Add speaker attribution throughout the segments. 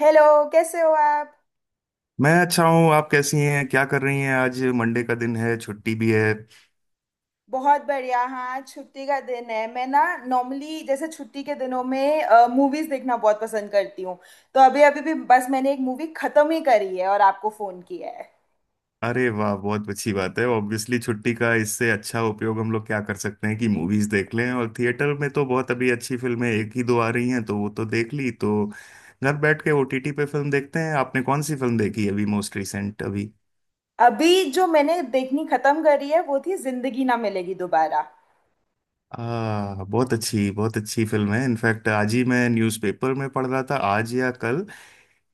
Speaker 1: Hello. कैसे हो आप?
Speaker 2: मैं अच्छा हूँ। आप कैसी हैं, क्या कर रही हैं? आज मंडे का दिन है, छुट्टी भी है।
Speaker 1: बहुत बढ़िया। हाँ, आज छुट्टी का दिन है। मैं ना नॉर्मली जैसे छुट्टी के दिनों में मूवीज देखना बहुत पसंद करती हूँ। तो अभी अभी भी बस मैंने एक मूवी खत्म ही करी है और आपको फोन किया है।
Speaker 2: अरे वाह, बहुत अच्छी बात है। ऑब्वियसली छुट्टी का इससे अच्छा उपयोग हम लोग क्या कर सकते हैं कि मूवीज देख लें, और थिएटर में तो बहुत अभी अच्छी फिल्में एक ही दो आ रही हैं, तो वो तो देख ली, तो घर बैठ के ओटीटी पे फिल्म देखते हैं। आपने कौन सी फिल्म देखी अभी, मोस्ट रिसेंट अभी?
Speaker 1: अभी जो मैंने देखनी खत्म करी है वो थी जिंदगी ना मिलेगी दोबारा।
Speaker 2: बहुत अच्छी फिल्म है। इनफैक्ट आज ही मैं न्यूज़पेपर में पढ़ रहा था, आज या कल,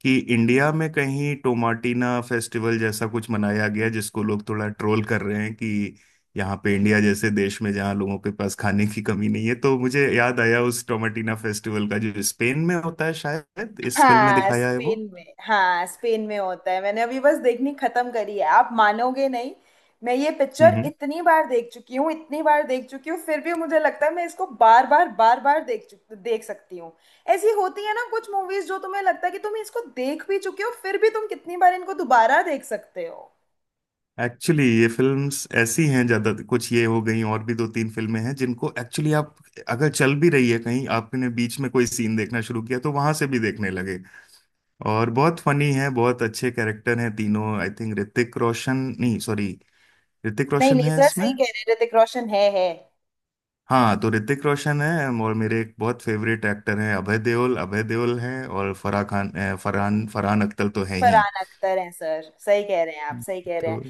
Speaker 2: कि इंडिया में कहीं टोमाटिना फेस्टिवल जैसा कुछ मनाया गया जिसको लोग थोड़ा ट्रोल कर रहे हैं कि यहाँ पे इंडिया जैसे देश में जहाँ लोगों के पास खाने की कमी नहीं है। तो मुझे याद आया उस टोमाटिना फेस्टिवल का जो स्पेन में होता है, शायद इस फिल्म में
Speaker 1: हाँ,
Speaker 2: दिखाया है वो।
Speaker 1: स्पेन में, हाँ स्पेन में होता है। मैंने अभी बस देखनी खत्म करी है, आप मानोगे नहीं। मैं ये
Speaker 2: हम्म
Speaker 1: पिक्चर
Speaker 2: हम्म।
Speaker 1: इतनी बार देख चुकी हूँ, इतनी बार देख चुकी हूँ, फिर भी मुझे लगता है मैं इसको बार बार बार बार देख सकती हूँ। ऐसी होती है ना कुछ मूवीज, जो तुम्हें लगता है कि तुम इसको देख भी चुके हो, फिर भी तुम कितनी बार इनको दोबारा देख सकते हो।
Speaker 2: एक्चुअली ये फिल्म्स ऐसी हैं, ज्यादा कुछ ये हो गई और भी दो तीन फिल्में हैं जिनको एक्चुअली आप, अगर चल भी रही है कहीं, आपने बीच में कोई सीन देखना शुरू किया तो वहां से भी देखने लगे। और बहुत फनी है, बहुत अच्छे कैरेक्टर हैं तीनों। आई थिंक ऋतिक रोशन, नहीं सॉरी, ऋतिक
Speaker 1: नहीं
Speaker 2: रोशन
Speaker 1: नहीं
Speaker 2: है
Speaker 1: सर,
Speaker 2: इसमें।
Speaker 1: सही कह रहे हैं, ऋतिक रोशन है।
Speaker 2: हाँ, तो ऋतिक रोशन है और मेरे एक बहुत फेवरेट एक्टर हैं अभय देओल, अभय देओल हैं, और फराह खान फरहान फरहान अख्तर तो है ही।
Speaker 1: फरहान अख्तर हैं सर, सही कह रहे हैं, आप सही कह रहे
Speaker 2: तो
Speaker 1: हैं।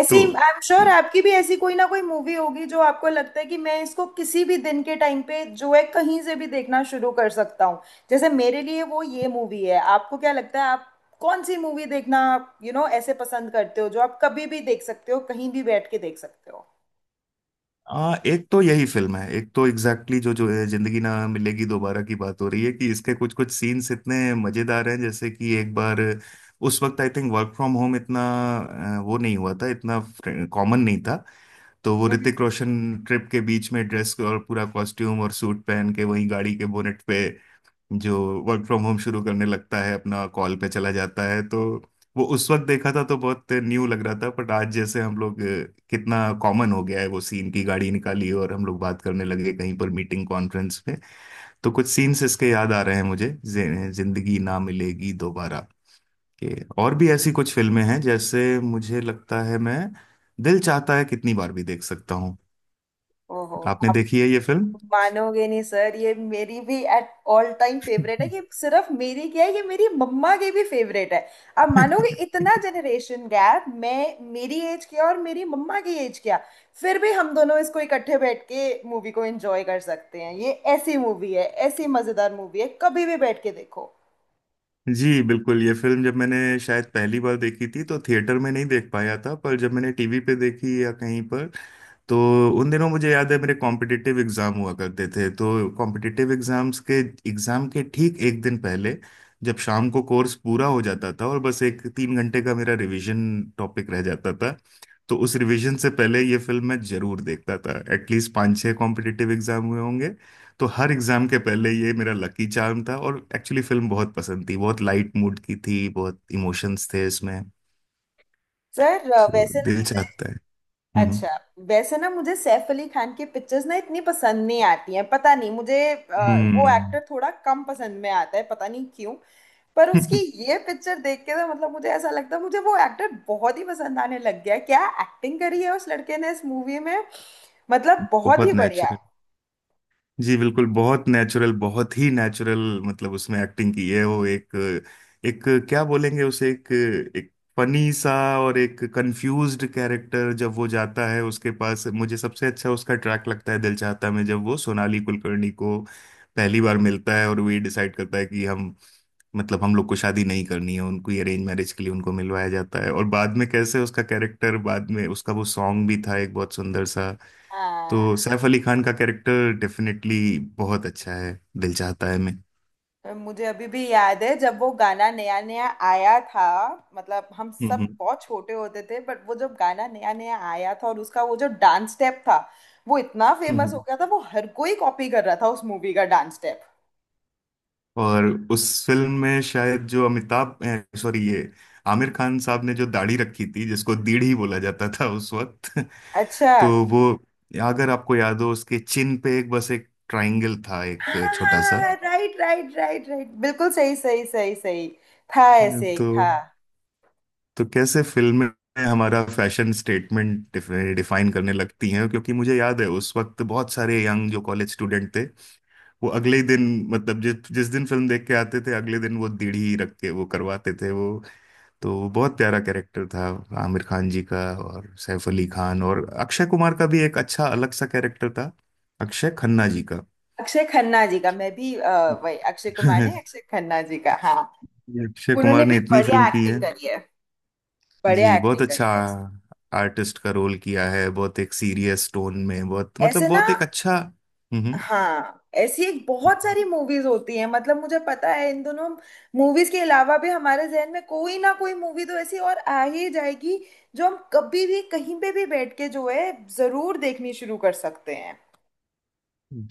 Speaker 1: ऐसी,
Speaker 2: तो
Speaker 1: आई एम श्योर आपकी भी ऐसी कोई ना कोई मूवी होगी जो आपको लगता है कि मैं इसको किसी भी दिन के टाइम पे जो है कहीं से भी देखना शुरू कर सकता हूँ। जैसे मेरे लिए वो ये मूवी है। आपको क्या लगता है, आप कौन सी मूवी देखना ऐसे पसंद करते हो, जो आप कभी भी देख सकते हो, कहीं भी बैठ के देख सकते हो?
Speaker 2: एक तो यही फिल्म है, एक तो एग्जैक्टली जो जो है, जिंदगी ना मिलेगी दोबारा की बात हो रही है, कि इसके कुछ कुछ सीन्स इतने मजेदार हैं। जैसे कि एक बार उस वक्त I think work from home इतना वो नहीं हुआ था, इतना कॉमन नहीं था। तो वो
Speaker 1: हम्म।
Speaker 2: ऋतिक रोशन ट्रिप के बीच में ड्रेस और पूरा कॉस्ट्यूम और सूट पहन के वहीं गाड़ी के बोनेट पे जो वर्क फ्रॉम होम शुरू करने लगता है, अपना कॉल पे चला जाता है। तो वो उस वक्त देखा था तो बहुत न्यू लग रहा था, बट आज जैसे हम लोग कितना कॉमन हो गया है वो सीन, की गाड़ी निकाली और हम लोग बात करने लगे कहीं पर मीटिंग कॉन्फ्रेंस में। तो कुछ सीन्स इसके याद आ रहे हैं मुझे जिंदगी ना मिलेगी दोबारा के। और भी ऐसी कुछ फिल्में हैं जैसे मुझे लगता है मैं दिल चाहता है कितनी बार भी देख सकता हूँ।
Speaker 1: ओहो।
Speaker 2: आपने
Speaker 1: आप
Speaker 2: देखी है ये फिल्म?
Speaker 1: मानोगे नहीं सर, ये मेरी भी एट ऑल टाइम फेवरेट है। ये सिर्फ मेरी क्या है, ये मेरी मम्मा की भी फेवरेट है। अब मानोगे, इतना जनरेशन गैप, मैं, मेरी एज क्या और मेरी मम्मा की एज क्या। फिर भी हम दोनों इसको इकट्ठे बैठ के मूवी को एंजॉय कर सकते हैं। ये ऐसी मूवी है, ऐसी मजेदार मूवी है, कभी भी बैठ के देखो।
Speaker 2: जी बिल्कुल, ये फिल्म जब मैंने शायद पहली बार देखी थी तो थिएटर में नहीं देख पाया था, पर जब मैंने टीवी पे देखी या कहीं पर, तो उन दिनों मुझे याद है मेरे कॉम्पिटिटिव एग्जाम हुआ करते थे। तो कॉम्पिटिटिव एग्जाम्स के एग्जाम के ठीक एक दिन पहले, जब शाम को कोर्स पूरा हो जाता था और बस एक 3 घंटे का मेरा रिवीजन टॉपिक रह जाता था, तो उस रिवीजन से पहले ये फिल्म मैं जरूर देखता था। एटलीस्ट पाँच छः कॉम्पिटिटिव एग्जाम हुए होंगे, तो हर एग्जाम के पहले ये मेरा लकी चार्म था, और एक्चुअली फिल्म बहुत पसंद थी, बहुत लाइट मूड की थी, बहुत इमोशंस थे इसमें।
Speaker 1: सर,
Speaker 2: तो
Speaker 1: वैसे
Speaker 2: दिल
Speaker 1: ना,
Speaker 2: चाहता है। हम्म
Speaker 1: अच्छा, वैसे ना, मुझे सैफ अली खान की पिक्चर्स ना इतनी पसंद नहीं आती हैं, पता नहीं मुझे, वो
Speaker 2: हम्म।
Speaker 1: एक्टर थोड़ा कम पसंद में आता है, पता नहीं क्यों। पर उसकी ये पिक्चर देख के तो मतलब मुझे ऐसा लगता है मुझे वो एक्टर बहुत ही पसंद आने लग गया। क्या एक्टिंग करी है उस लड़के ने इस मूवी में, मतलब बहुत ही
Speaker 2: बहुत
Speaker 1: बढ़िया।
Speaker 2: नेचुरल। जी बिल्कुल, बहुत नेचुरल बहुत ही नेचुरल। मतलब उसमें एक्टिंग की है, वो एक एक क्या बोलेंगे उसे, एक एक फनी सा और एक कंफ्यूज्ड कैरेक्टर, जब वो जाता है उसके पास। मुझे सबसे अच्छा उसका ट्रैक लगता है दिल चाहता में, जब वो सोनाली कुलकर्णी को पहली बार मिलता है और वो ये डिसाइड करता है कि हम, मतलब हम लोग को शादी नहीं करनी है। उनको ये अरेंज मैरिज के लिए उनको मिलवाया जाता है, और बाद में कैसे उसका कैरेक्टर, बाद में उसका वो सॉन्ग भी था एक बहुत सुंदर सा।
Speaker 1: हाँ।
Speaker 2: तो सैफ अली खान का कैरेक्टर डेफिनेटली बहुत अच्छा है, दिल चाहता है मैं।
Speaker 1: मुझे अभी भी याद है जब वो गाना नया नया आया था, मतलब हम सब
Speaker 2: हम्म
Speaker 1: बहुत छोटे होते थे, बट वो जब गाना नया नया आया था और उसका वो जो डांस स्टेप था, वो इतना
Speaker 2: हम्म
Speaker 1: फेमस हो
Speaker 2: हम्म।
Speaker 1: गया था, वो हर कोई कॉपी कर रहा था उस मूवी का डांस स्टेप।
Speaker 2: और उस फिल्म में शायद जो अमिताभ, सॉरी ये आमिर खान साहब ने जो दाढ़ी रखी थी जिसको दीढ़ी बोला जाता था उस वक्त।
Speaker 1: अच्छा।
Speaker 2: तो वो, अगर आपको याद हो, उसके चिन पे एक, बस एक ट्रायंगल था, एक
Speaker 1: हाँ,
Speaker 2: छोटा सा।
Speaker 1: राइट राइट राइट राइट, बिल्कुल सही सही सही सही। था, ऐसे
Speaker 2: तो
Speaker 1: एक था।
Speaker 2: तो कैसे फिल्में हमारा फैशन स्टेटमेंट डिफाइन करने लगती हैं, क्योंकि मुझे याद है उस वक्त बहुत सारे यंग जो कॉलेज स्टूडेंट थे, वो अगले ही दिन, मतलब जिस जिस दिन फिल्म देख के आते थे अगले दिन, वो दीढ़ी ही रख के वो करवाते थे वो। तो वो बहुत प्यारा कैरेक्टर था आमिर खान जी का। और सैफ अली खान और अक्षय कुमार का भी एक अच्छा अलग सा कैरेक्टर था, अक्षय खन्ना जी का।
Speaker 1: अक्षय खन्ना जी का, मैं भी, वही, अक्षय कुमार ने, अक्षय खन्ना जी का, हाँ।
Speaker 2: अक्षय
Speaker 1: उन्होंने
Speaker 2: कुमार
Speaker 1: भी
Speaker 2: ने इतनी
Speaker 1: बढ़िया
Speaker 2: फिल्म की
Speaker 1: एक्टिंग
Speaker 2: है।
Speaker 1: करी है, बढ़िया
Speaker 2: जी बहुत
Speaker 1: एक्टिंग करी
Speaker 2: अच्छा
Speaker 1: है।
Speaker 2: आर्टिस्ट का रोल किया है, बहुत एक सीरियस टोन में, बहुत मतलब
Speaker 1: ऐसे ना,
Speaker 2: बहुत एक अच्छा। हम्म
Speaker 1: हाँ, ऐसी एक बहुत
Speaker 2: हम्म।
Speaker 1: सारी मूवीज होती हैं, मतलब मुझे पता है इन दोनों मूवीज के अलावा भी हमारे जहन में कोई ना कोई मूवी तो ऐसी और आ ही जाएगी, जो हम कभी भी कहीं पे भी बैठ के जो है, जरूर देखनी शुरू कर सकते हैं।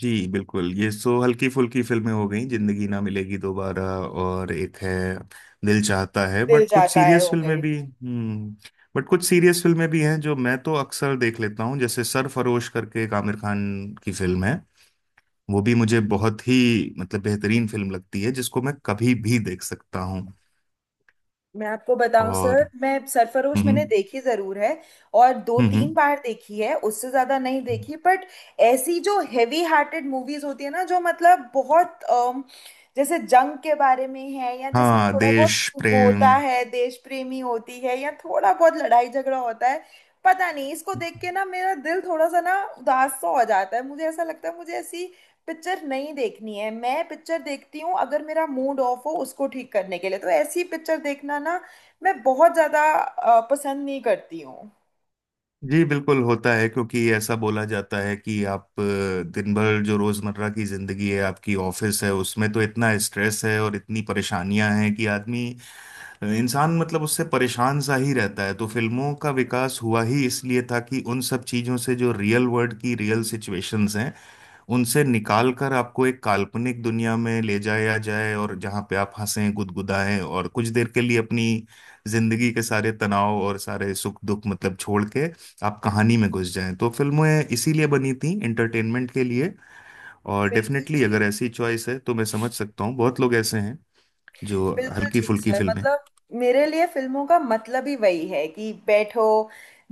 Speaker 2: जी बिल्कुल, ये सो हल्की फुल्की फिल्में हो गई, जिंदगी ना मिलेगी दोबारा और एक है दिल चाहता है।
Speaker 1: दिल
Speaker 2: बट कुछ
Speaker 1: जाता है,
Speaker 2: सीरियस
Speaker 1: हो
Speaker 2: फिल्में
Speaker 1: गई।
Speaker 2: भी बट कुछ सीरियस फिल्में भी हैं जो मैं तो अक्सर देख लेता हूँ, जैसे सरफरोश करके एक आमिर खान की फिल्म है, वो भी मुझे बहुत ही, मतलब बेहतरीन फिल्म लगती है जिसको मैं कभी भी देख सकता हूँ।
Speaker 1: मैं आपको बताऊं
Speaker 2: और
Speaker 1: सर, मैं सरफरोश मैंने
Speaker 2: हम्म
Speaker 1: देखी जरूर है, और दो
Speaker 2: हम्म
Speaker 1: तीन बार देखी है, उससे ज्यादा नहीं
Speaker 2: हम्म,
Speaker 1: देखी, बट ऐसी जो हेवी हार्टेड मूवीज होती है ना, जो मतलब बहुत जैसे जंग के बारे में है या जिसमें
Speaker 2: हाँ
Speaker 1: थोड़ा बहुत
Speaker 2: देश
Speaker 1: होता
Speaker 2: प्रेम।
Speaker 1: है, देश प्रेमी होती है, या थोड़ा बहुत लड़ाई झगड़ा होता है, पता नहीं इसको देख के ना मेरा दिल थोड़ा सा ना उदास सा हो जाता है। मुझे ऐसा लगता है मुझे ऐसी पिक्चर नहीं देखनी है। मैं पिक्चर देखती हूँ अगर मेरा मूड ऑफ हो उसको ठीक करने के लिए, तो ऐसी पिक्चर देखना ना मैं बहुत ज्यादा पसंद नहीं करती हूँ।
Speaker 2: जी बिल्कुल होता है, क्योंकि ऐसा बोला जाता है कि आप दिन भर जो रोजमर्रा की जिंदगी है, आपकी ऑफिस है, उसमें तो इतना स्ट्रेस है और इतनी परेशानियां हैं, कि आदमी इंसान, मतलब उससे परेशान सा ही रहता है। तो फिल्मों का विकास हुआ ही इसलिए था कि उन सब चीजों से, जो रियल वर्ल्ड की रियल सिचुएशंस हैं, उनसे निकाल कर आपको एक काल्पनिक दुनिया में ले जाया जाए, और जहां पे आप हंसें गुदगुदाएं और कुछ देर के लिए अपनी जिंदगी के सारे तनाव और सारे सुख दुख, मतलब छोड़ के, आप कहानी में घुस जाएं। तो फिल्में इसीलिए बनी थी, एंटरटेनमेंट के लिए। और
Speaker 1: बिल्कुल
Speaker 2: डेफिनेटली
Speaker 1: ठीक।
Speaker 2: अगर ऐसी चॉइस है तो मैं समझ सकता हूँ, बहुत लोग ऐसे हैं जो
Speaker 1: बिल्कुल
Speaker 2: हल्की
Speaker 1: ठीक
Speaker 2: फुल्की
Speaker 1: सर,
Speaker 2: फिल्में।
Speaker 1: मतलब मेरे लिए फिल्मों का मतलब ही वही है कि बैठो,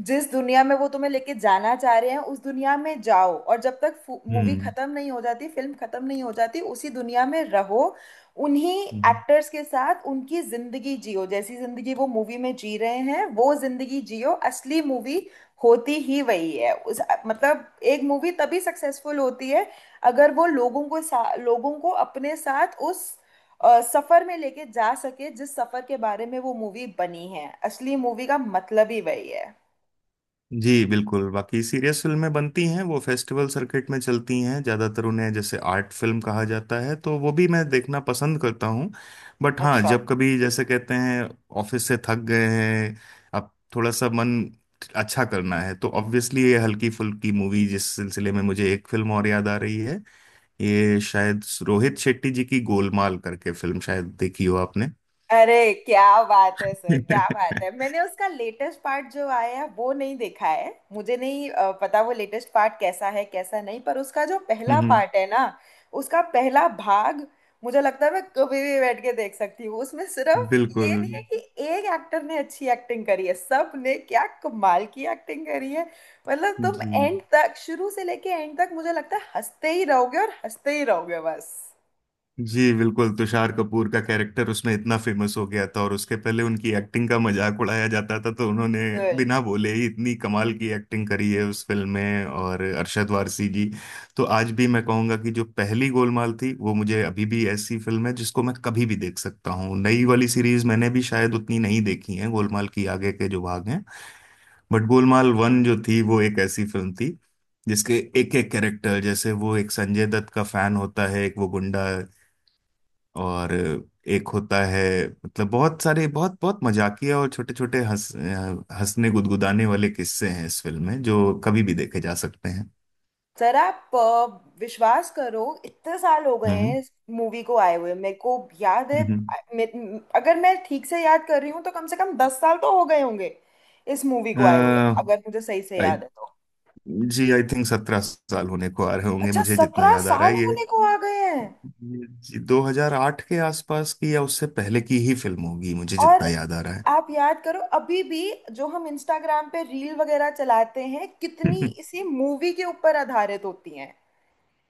Speaker 1: जिस दुनिया में वो तुम्हें लेके जाना चाह रहे हैं उस दुनिया में जाओ, और जब तक मूवी खत्म नहीं हो जाती, फिल्म खत्म नहीं हो जाती, उसी दुनिया में रहो, उन्हीं
Speaker 2: हम्म
Speaker 1: एक्टर्स के साथ उनकी जिंदगी जियो, जैसी जिंदगी वो मूवी में जी रहे हैं वो जिंदगी जियो। असली मूवी होती ही वही है उस, मतलब एक मूवी तभी सक्सेसफुल होती है अगर वो लोगों को लोगों को अपने साथ उस सफर में लेके जा सके, जिस सफर के बारे में वो मूवी बनी है। असली मूवी का मतलब ही वही है।
Speaker 2: जी बिल्कुल, बाकी सीरियस फिल्में बनती हैं, वो फेस्टिवल सर्किट में चलती हैं ज़्यादातर, उन्हें जैसे आर्ट फिल्म कहा जाता है, तो वो भी मैं देखना पसंद करता हूँ। बट हाँ,
Speaker 1: अच्छा।
Speaker 2: जब कभी जैसे कहते हैं ऑफिस से थक गए हैं, अब थोड़ा सा मन अच्छा करना है, तो ऑब्वियसली ये हल्की फुल्की मूवी, जिस सिलसिले में मुझे एक फिल्म और याद आ रही है, ये शायद रोहित शेट्टी जी की गोलमाल करके फिल्म, शायद देखी हो आपने।
Speaker 1: अरे क्या बात है सर, क्या बात है, मैंने उसका लेटेस्ट पार्ट जो आया है वो नहीं देखा है, मुझे नहीं पता वो लेटेस्ट पार्ट कैसा है कैसा नहीं, पर उसका जो पहला
Speaker 2: हम्म
Speaker 1: पार्ट है ना, उसका पहला भाग, मुझे लगता है मैं कभी भी बैठ के देख सकती हूँ। उसमें सिर्फ
Speaker 2: बिल्कुल
Speaker 1: ये नहीं है कि एक एक्टर ने अच्छी एक्टिंग करी है, सब ने क्या कमाल की एक्टिंग करी है। मतलब तुम
Speaker 2: जी।
Speaker 1: एंड तक शुरू से लेके एंड तक, मुझे लगता है हंसते ही रहोगे और हंसते ही रहोगे बस।
Speaker 2: जी बिल्कुल, तुषार कपूर का कैरेक्टर उसमें इतना फेमस हो गया था, और उसके पहले उनकी एक्टिंग का मजाक उड़ाया जाता था, तो उन्होंने बिना बोले ही इतनी कमाल की एक्टिंग करी है उस फिल्म में। और अरशद वारसी जी, तो आज भी मैं कहूंगा कि जो पहली गोलमाल थी, वो मुझे अभी भी ऐसी फिल्म है जिसको मैं कभी भी देख सकता हूँ। नई वाली सीरीज मैंने भी शायद उतनी नहीं देखी है, गोलमाल की आगे के जो भाग हैं। बट गोलमाल वन जो थी, वो एक ऐसी फिल्म थी जिसके एक एक कैरेक्टर, जैसे वो एक संजय दत्त का फैन होता है, एक वो गुंडा, और एक होता है, मतलब बहुत सारे, बहुत बहुत मजाकिया और छोटे छोटे हंसने गुदगुदाने वाले किस्से हैं इस फिल्म में, जो कभी भी देखे जा सकते हैं।
Speaker 1: सर आप, विश्वास करो, इतने साल हो गए हैं
Speaker 2: हम्म
Speaker 1: इस मूवी को आए हुए। मेरे को याद है,
Speaker 2: हम्म।
Speaker 1: अगर मैं ठीक से याद कर रही हूँ तो कम से कम 10 साल तो हो गए होंगे इस मूवी को आए हुए, अगर मुझे सही से
Speaker 2: आई
Speaker 1: याद है तो।
Speaker 2: जी, आई थिंक 17 साल होने को आ रहे होंगे,
Speaker 1: अच्छा,
Speaker 2: मुझे जितना
Speaker 1: सत्रह
Speaker 2: याद आ रहा
Speaker 1: साल
Speaker 2: है ये।
Speaker 1: होने को आ गए हैं।
Speaker 2: ये जी, 2008 के आसपास की या उससे पहले की ही फिल्म होगी, मुझे
Speaker 1: और
Speaker 2: जितना याद आ रहा है।
Speaker 1: आप याद करो, अभी भी जो हम इंस्टाग्राम पे रील वगैरह चलाते हैं, कितनी इसी मूवी के ऊपर आधारित होती हैं।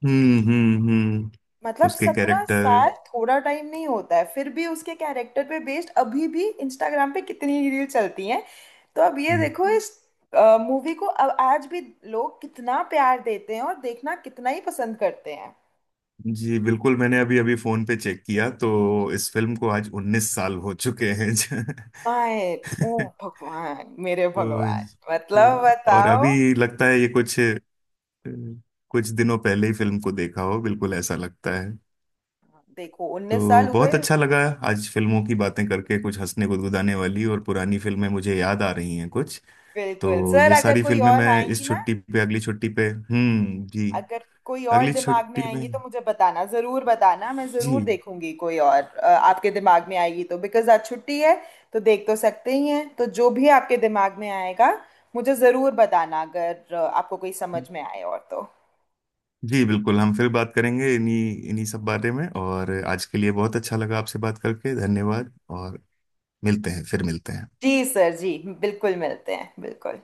Speaker 2: हम्म,
Speaker 1: मतलब
Speaker 2: उसके
Speaker 1: सत्रह
Speaker 2: कैरेक्टर।
Speaker 1: साल थोड़ा टाइम नहीं होता है, फिर भी उसके कैरेक्टर पे बेस्ड अभी भी इंस्टाग्राम पे कितनी रील चलती हैं। तो अब ये देखो इस मूवी को, अब आज भी लोग कितना प्यार देते हैं और देखना कितना ही पसंद करते हैं।
Speaker 2: जी बिल्कुल, मैंने अभी अभी फोन पे चेक किया तो इस फिल्म को आज 19 साल हो चुके हैं।
Speaker 1: आए ओ भगवान, मेरे भगवान! मतलब
Speaker 2: तो और
Speaker 1: बताओ।
Speaker 2: अभी लगता है ये कुछ कुछ दिनों पहले ही फिल्म को देखा हो, बिल्कुल ऐसा लगता है।
Speaker 1: देखो 19 साल
Speaker 2: तो
Speaker 1: हुए।
Speaker 2: बहुत अच्छा लगा आज फिल्मों की बातें करके, कुछ हंसने गुदगुदाने वाली और पुरानी फिल्में मुझे याद आ रही हैं कुछ,
Speaker 1: बिल्कुल
Speaker 2: तो
Speaker 1: सर,
Speaker 2: ये
Speaker 1: अगर
Speaker 2: सारी
Speaker 1: कोई
Speaker 2: फिल्में
Speaker 1: और
Speaker 2: मैं इस
Speaker 1: आएंगी ना,
Speaker 2: छुट्टी पे अगली छुट्टी पे जी
Speaker 1: अगर कोई और
Speaker 2: अगली
Speaker 1: दिमाग में
Speaker 2: छुट्टी में।
Speaker 1: आएंगी तो मुझे बताना, जरूर बताना, मैं
Speaker 2: जी
Speaker 1: जरूर देखूंगी, कोई और आपके दिमाग में आएगी तो, बिकॉज आज छुट्टी है, तो देख तो सकते ही हैं। तो जो भी आपके दिमाग में आएगा मुझे जरूर बताना, अगर आपको कोई समझ में आए और तो।
Speaker 2: जी बिल्कुल, हम फिर बात करेंगे इन्हीं इन्हीं सब बारे में, और आज के लिए बहुत अच्छा लगा आपसे बात करके, धन्यवाद। और मिलते हैं, फिर मिलते हैं।
Speaker 1: जी सर, जी बिल्कुल, मिलते हैं, बिल्कुल।